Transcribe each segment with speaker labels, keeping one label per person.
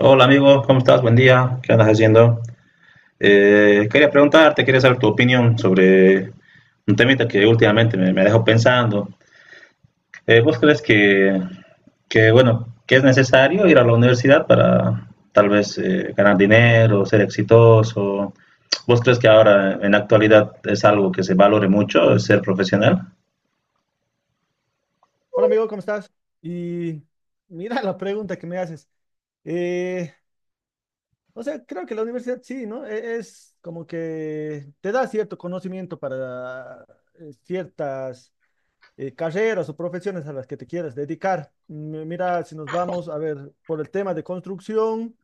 Speaker 1: Hola amigo, ¿cómo estás? Buen día, ¿qué andas haciendo? Quería preguntarte, quería saber tu opinión sobre un temita que últimamente me dejó pensando. ¿Vos crees que es necesario ir a la universidad para tal vez ganar dinero, ser exitoso? ¿Vos crees que ahora en la actualidad es algo que se valore mucho, ser profesional?
Speaker 2: Hola amigo, ¿cómo estás? Y mira la pregunta que me haces. Eh, o sea, creo que la universidad sí, ¿no? Es como que te da cierto conocimiento para ciertas carreras o profesiones a las que te quieras dedicar. Mm, mira, si nos vamos a ver por el tema de construcción,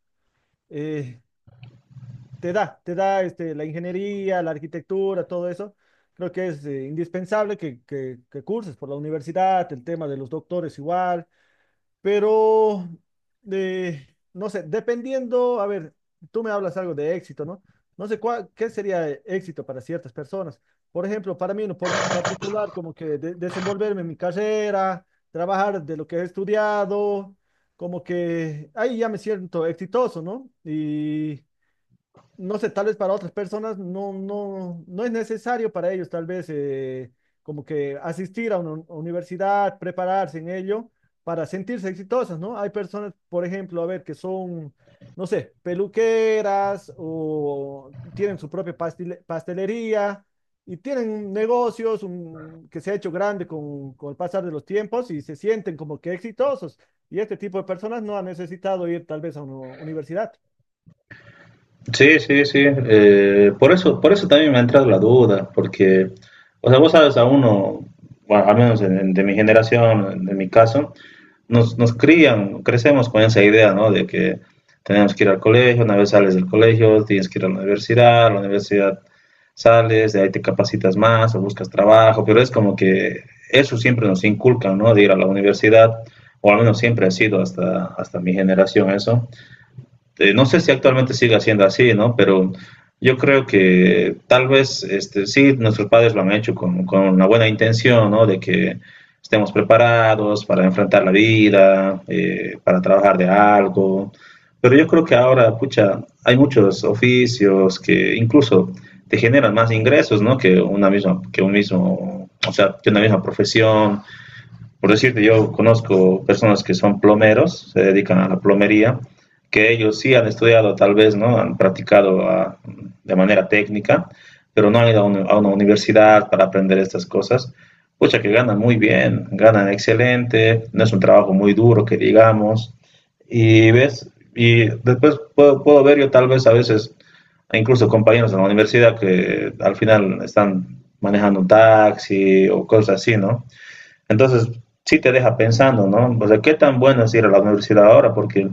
Speaker 2: eh, te da este, la ingeniería, la arquitectura, todo eso. Creo que es indispensable que curses por la universidad, el tema de los doctores igual. Pero, eh, no sé, dependiendo, a ver, tú me hablas algo de éxito, ¿no? No sé cuál, qué sería éxito para ciertas personas. Por ejemplo, para mí en lo particular, como que desenvolverme en mi carrera, trabajar de lo que he estudiado, como que ahí ya me siento exitoso, ¿no? Y no sé, tal vez para otras personas no, no, no es necesario para ellos, tal vez como que asistir a una universidad, prepararse en ello para sentirse exitosas, ¿no? Hay personas, por ejemplo, a ver, que son, no sé, peluqueras o tienen su propia pastelería y tienen negocios que se ha hecho grande con el pasar de los tiempos y se sienten como que exitosos. Y este tipo de personas no han necesitado ir tal vez a una universidad.
Speaker 1: Sí, sí, sí. Por eso, por eso también me ha entrado la duda, porque, o sea, vos sabes, a uno, bueno, al menos de mi generación, de mi caso, nos crían, crecemos con esa idea, ¿no? De que tenemos que ir al colegio, una vez sales del colegio, tienes que ir a la universidad sales, de ahí te capacitas más o buscas trabajo, pero es como que eso siempre nos inculcan, ¿no? De ir a la universidad, o al menos siempre ha sido hasta mi generación eso. No sé si actualmente sigue siendo así, ¿no? Pero yo creo que tal vez este, sí, nuestros padres lo han hecho con una buena intención, ¿no? De que estemos preparados para enfrentar la vida, para trabajar de algo. Pero yo creo que ahora, pucha, hay muchos oficios que incluso te generan más ingresos, ¿no? Que una misma, que un mismo, o sea, que una misma profesión. Por decirte, yo conozco personas que son plomeros, se dedican a la plomería, que ellos sí han estudiado tal vez, ¿no? Han practicado a, de manera técnica, pero no han ido a a una universidad para aprender estas cosas. Pucha, que ganan muy bien, ganan excelente, no es un trabajo muy duro que digamos. Y ves, y después puedo ver yo tal vez a veces, incluso compañeros de la universidad que al final están manejando un taxi o cosas así, ¿no? Entonces, sí te deja pensando, ¿no? O sea, ¿qué tan bueno es ir a la universidad ahora? Porque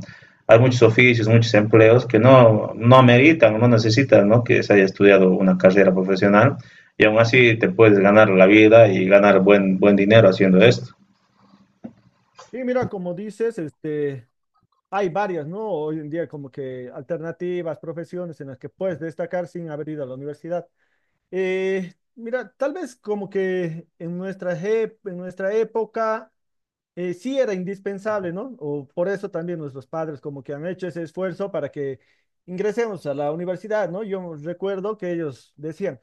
Speaker 1: hay muchos oficios, muchos empleos que no ameritan, no necesitan, ¿no? Que se haya estudiado una carrera profesional y aún así te puedes ganar la vida y ganar buen dinero haciendo esto.
Speaker 2: Sí, mira, como dices, este, hay varias, ¿no? Hoy en día como que alternativas, profesiones en las que puedes destacar sin haber ido a la universidad. Mira, tal vez como que en en nuestra época sí era indispensable, ¿no? O por eso también nuestros padres como que han hecho ese esfuerzo para que ingresemos a la universidad, ¿no? Yo recuerdo que ellos decían,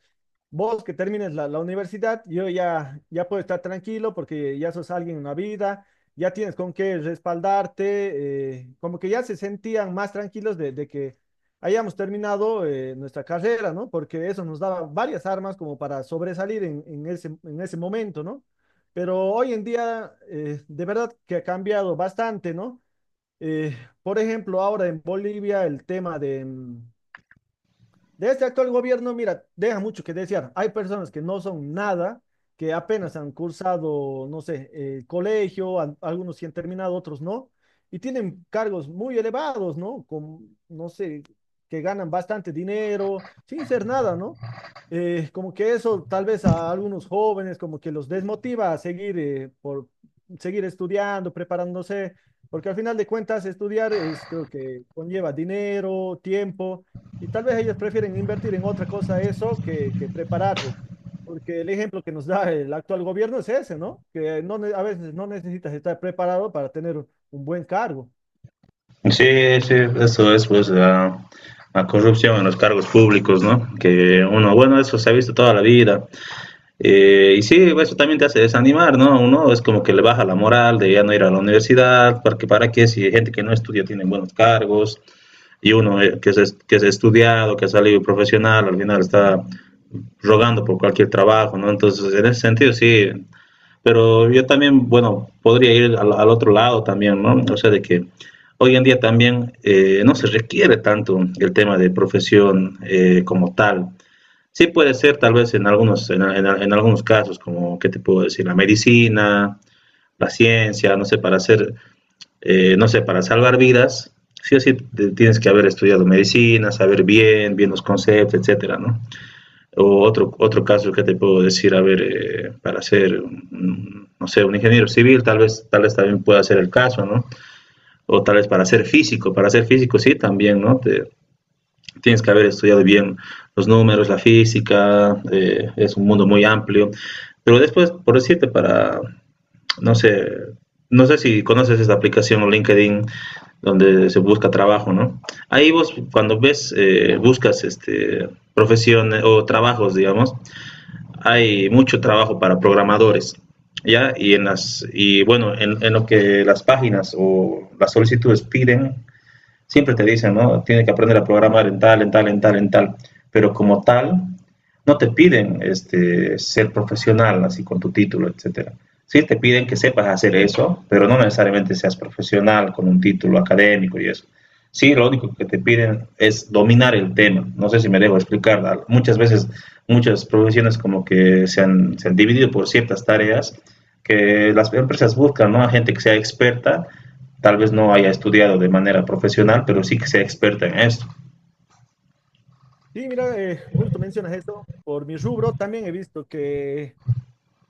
Speaker 2: vos que termines la universidad, yo ya, ya puedo estar tranquilo porque ya sos alguien en la vida, ya tienes con qué respaldarte, como que ya se sentían más tranquilos de que hayamos terminado nuestra carrera, ¿no? Porque eso nos daba varias armas como para sobresalir en ese momento, ¿no? Pero hoy en día, de verdad que ha cambiado bastante, ¿no? Eh, por ejemplo, ahora en Bolivia el tema de, de este actual gobierno, mira, deja mucho que desear. Hay personas que no son nada, que apenas han cursado, no sé, colegio, algunos sí han terminado, otros no, y tienen cargos muy elevados, ¿no? Con, no sé, que ganan bastante dinero sin ser nada, ¿no? Como que eso tal vez a algunos jóvenes como que los desmotiva a seguir, seguir estudiando, preparándose, porque al final de cuentas estudiar es, creo que conlleva dinero, tiempo. Y tal vez ellos prefieren invertir en otra cosa eso que prepararse, porque el ejemplo que nos da el actual gobierno es ese, ¿no? Que no, a veces no necesitas estar preparado para tener un buen cargo.
Speaker 1: Sí, sí, eso es pues la corrupción en los cargos públicos, ¿no? Que uno, bueno, eso se ha visto toda la vida. Y sí, eso también te hace desanimar, ¿no? Uno es como que le baja la moral de ya no ir a la universidad, porque para qué si gente que no estudia tiene buenos cargos y uno que es estudiado, que ha salido profesional, al final está rogando por cualquier trabajo, ¿no? Entonces, en ese sentido, sí, pero yo también, bueno, podría ir al otro lado también, ¿no? O sea, de que hoy en día también no se requiere tanto el tema de profesión como tal. Sí puede ser tal vez en algunos casos, como, ¿qué te puedo decir? La medicina, la ciencia, no sé, para hacer, no sé, para salvar vidas, sí o sí tienes que haber estudiado medicina, saber bien los conceptos, etcétera, ¿no? O otro caso que te puedo decir, a ver, para ser, no sé, un ingeniero civil, tal vez también pueda ser el caso, ¿no? O tal vez para ser físico sí también, ¿no? Te, tienes que haber estudiado bien los números, la física, es un mundo muy amplio. Pero después, por decirte, para, no sé, no sé si conoces esta aplicación LinkedIn donde se busca trabajo, ¿no? Ahí vos cuando ves, buscas este, profesiones o trabajos, digamos, hay mucho trabajo para programadores, ¿ya? Y bueno, en lo que las páginas o las solicitudes piden, siempre te dicen, ¿no? Tienes que aprender a programar en tal. Pero como tal, no te piden este, ser profesional, así con tu título, etcétera. Sí te piden que sepas hacer eso, pero no necesariamente seas profesional con un título académico y eso. Sí, lo único que te piden es dominar el tema. No sé si me dejo explicar. Muchas veces, muchas profesiones como que se han dividido por ciertas tareas que las empresas buscan, ¿no? A gente que sea experta tal vez no haya estudiado de manera profesional, pero sí que sea experta en esto.
Speaker 2: Sí, mira, justo mencionas esto, por mi rubro también he visto que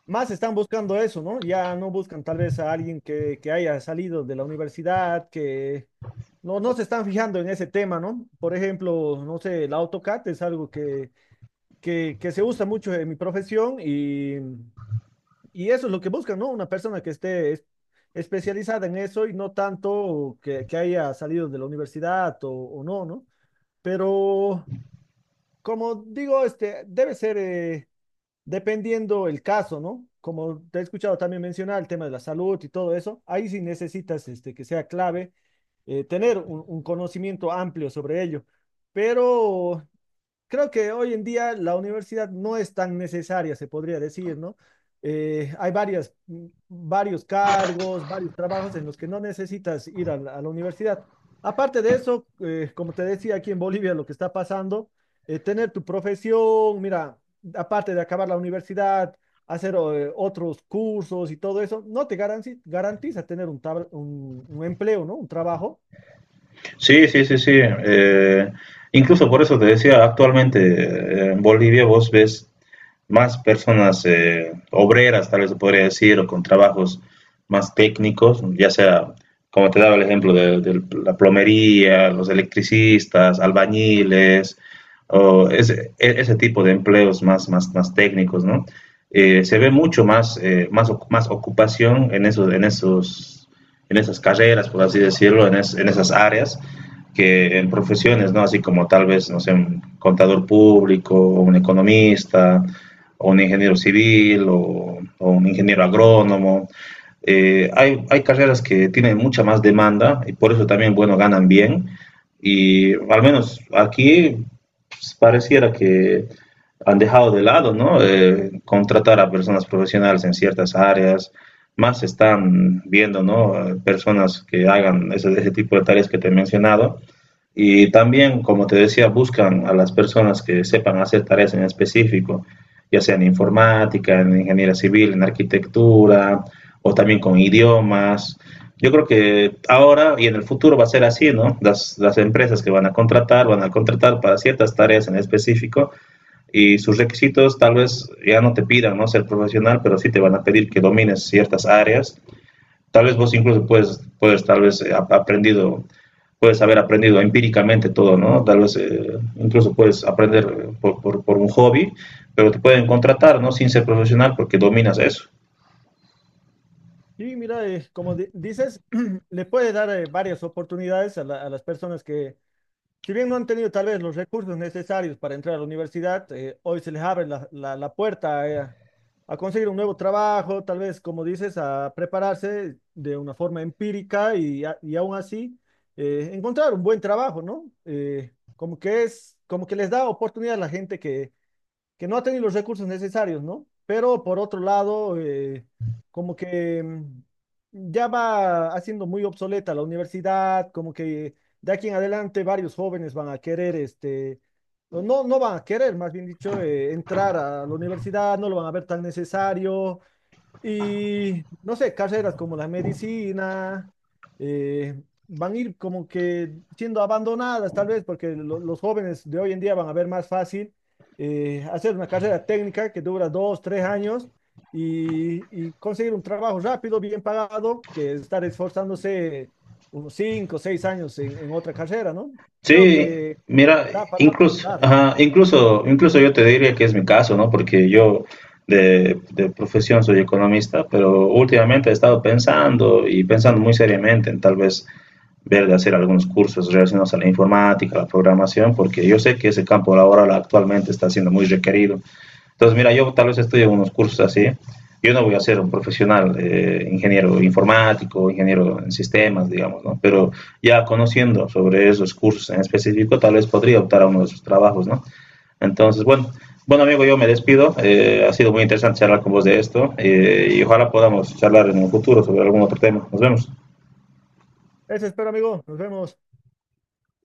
Speaker 2: más están buscando eso, ¿no? Ya no buscan tal vez a alguien que haya salido de la universidad, que no, no se están fijando en ese tema, ¿no? Por ejemplo, no sé, el AutoCAD es algo que se usa mucho en mi profesión y eso es lo que buscan, ¿no? Una persona que esté especializada en eso y no tanto que haya salido de la universidad o no, ¿no? Pero, como digo, este debe ser dependiendo el caso, ¿no? Como te he escuchado también mencionar el tema de la salud y todo eso, ahí sí necesitas este, que sea clave tener un conocimiento amplio sobre ello. Pero creo que hoy en día la universidad no es tan necesaria, se podría decir, ¿no? Hay varias, varios cargos, varios trabajos en los que no necesitas ir a la universidad. Aparte de eso, como te decía aquí en Bolivia, lo que está pasando, tener tu profesión, mira, aparte de acabar la universidad, hacer otros cursos y todo eso, no te garantiza tener un, un empleo, ¿no? Un trabajo.
Speaker 1: Sí, sí, sí, sí. Incluso por eso te decía, actualmente en Bolivia vos ves más personas obreras, tal vez se podría decir, o con trabajos más técnicos, ya sea, como te daba el ejemplo, de la plomería, los electricistas, albañiles, o ese tipo de empleos más, más, más técnicos, ¿no? Se ve mucho más, más ocupación esos, en esas carreras, por así decirlo, en esas áreas, que en profesiones, ¿no? Así como tal vez, no sé, un contador público, un economista, o un ingeniero civil, o un ingeniero agrónomo. Hay carreras que tienen mucha más demanda y por eso también, bueno, ganan bien. Y al menos aquí pues, pareciera que han dejado de lado, ¿no? Contratar a personas profesionales en ciertas áreas. Más están viendo, ¿no? Personas que hagan ese tipo de tareas que te he mencionado. Y también, como te decía, buscan a las personas que sepan hacer tareas en específico ya sea en informática, en ingeniería civil, en arquitectura, o también con idiomas. Yo creo que ahora y en el futuro va a ser así, ¿no? Las empresas que van a contratar para ciertas tareas en específico y sus requisitos tal vez ya no te pidan, ¿no? Ser profesional, pero sí te van a pedir que domines ciertas áreas. Tal vez vos incluso puedes tal vez puedes haber aprendido empíricamente todo, ¿no? Tal vez incluso puedes aprender por un hobby, pero te pueden contratar, ¿no? Sin ser profesional porque dominas eso.
Speaker 2: Sí, mira, como dices, le puede dar varias oportunidades a, a las personas que, si bien no han tenido tal vez los recursos necesarios para entrar a la universidad, hoy se les abre la puerta a conseguir un nuevo trabajo, tal vez, como dices, a prepararse de una forma empírica y aún así encontrar un buen trabajo, ¿no? Como que es, como que les da oportunidad a la gente que no ha tenido los recursos necesarios, ¿no? Pero por otro lado, como que mm, ya va haciendo muy obsoleta la universidad, como que de aquí en adelante varios jóvenes van a querer, este, o no, no van a querer, más bien dicho, entrar a la universidad, no lo van a ver tan necesario, y no sé, carreras como la medicina eh, van a ir como que siendo abandonadas tal vez porque los jóvenes de hoy en día van a ver más fácil hacer una carrera técnica que dura 2, 3 años y conseguir un trabajo rápido, bien pagado, que estar esforzándose unos 5, 6 años en otra carrera, ¿no? Creo
Speaker 1: Sí,
Speaker 2: que
Speaker 1: mira,
Speaker 2: da para
Speaker 1: incluso,
Speaker 2: hablar.
Speaker 1: ajá, incluso yo te diría que es mi caso, ¿no? Porque yo de profesión soy economista, pero últimamente he estado pensando y pensando muy seriamente en tal vez ver de hacer algunos cursos relacionados a la informática, a la programación, porque yo sé que ese campo laboral actualmente está siendo muy requerido. Entonces, mira, yo tal vez estudio unos cursos así. Yo no voy a ser un profesional ingeniero informático, ingeniero en sistemas, digamos, ¿no? Pero ya conociendo sobre esos cursos en específico, tal vez podría optar a uno de esos trabajos, ¿no? Entonces, bueno, amigo, yo me despido. Ha sido muy interesante charlar con vos de esto y ojalá podamos charlar en el futuro sobre algún otro tema. Nos vemos.
Speaker 2: Eso espero, amigo. Nos vemos.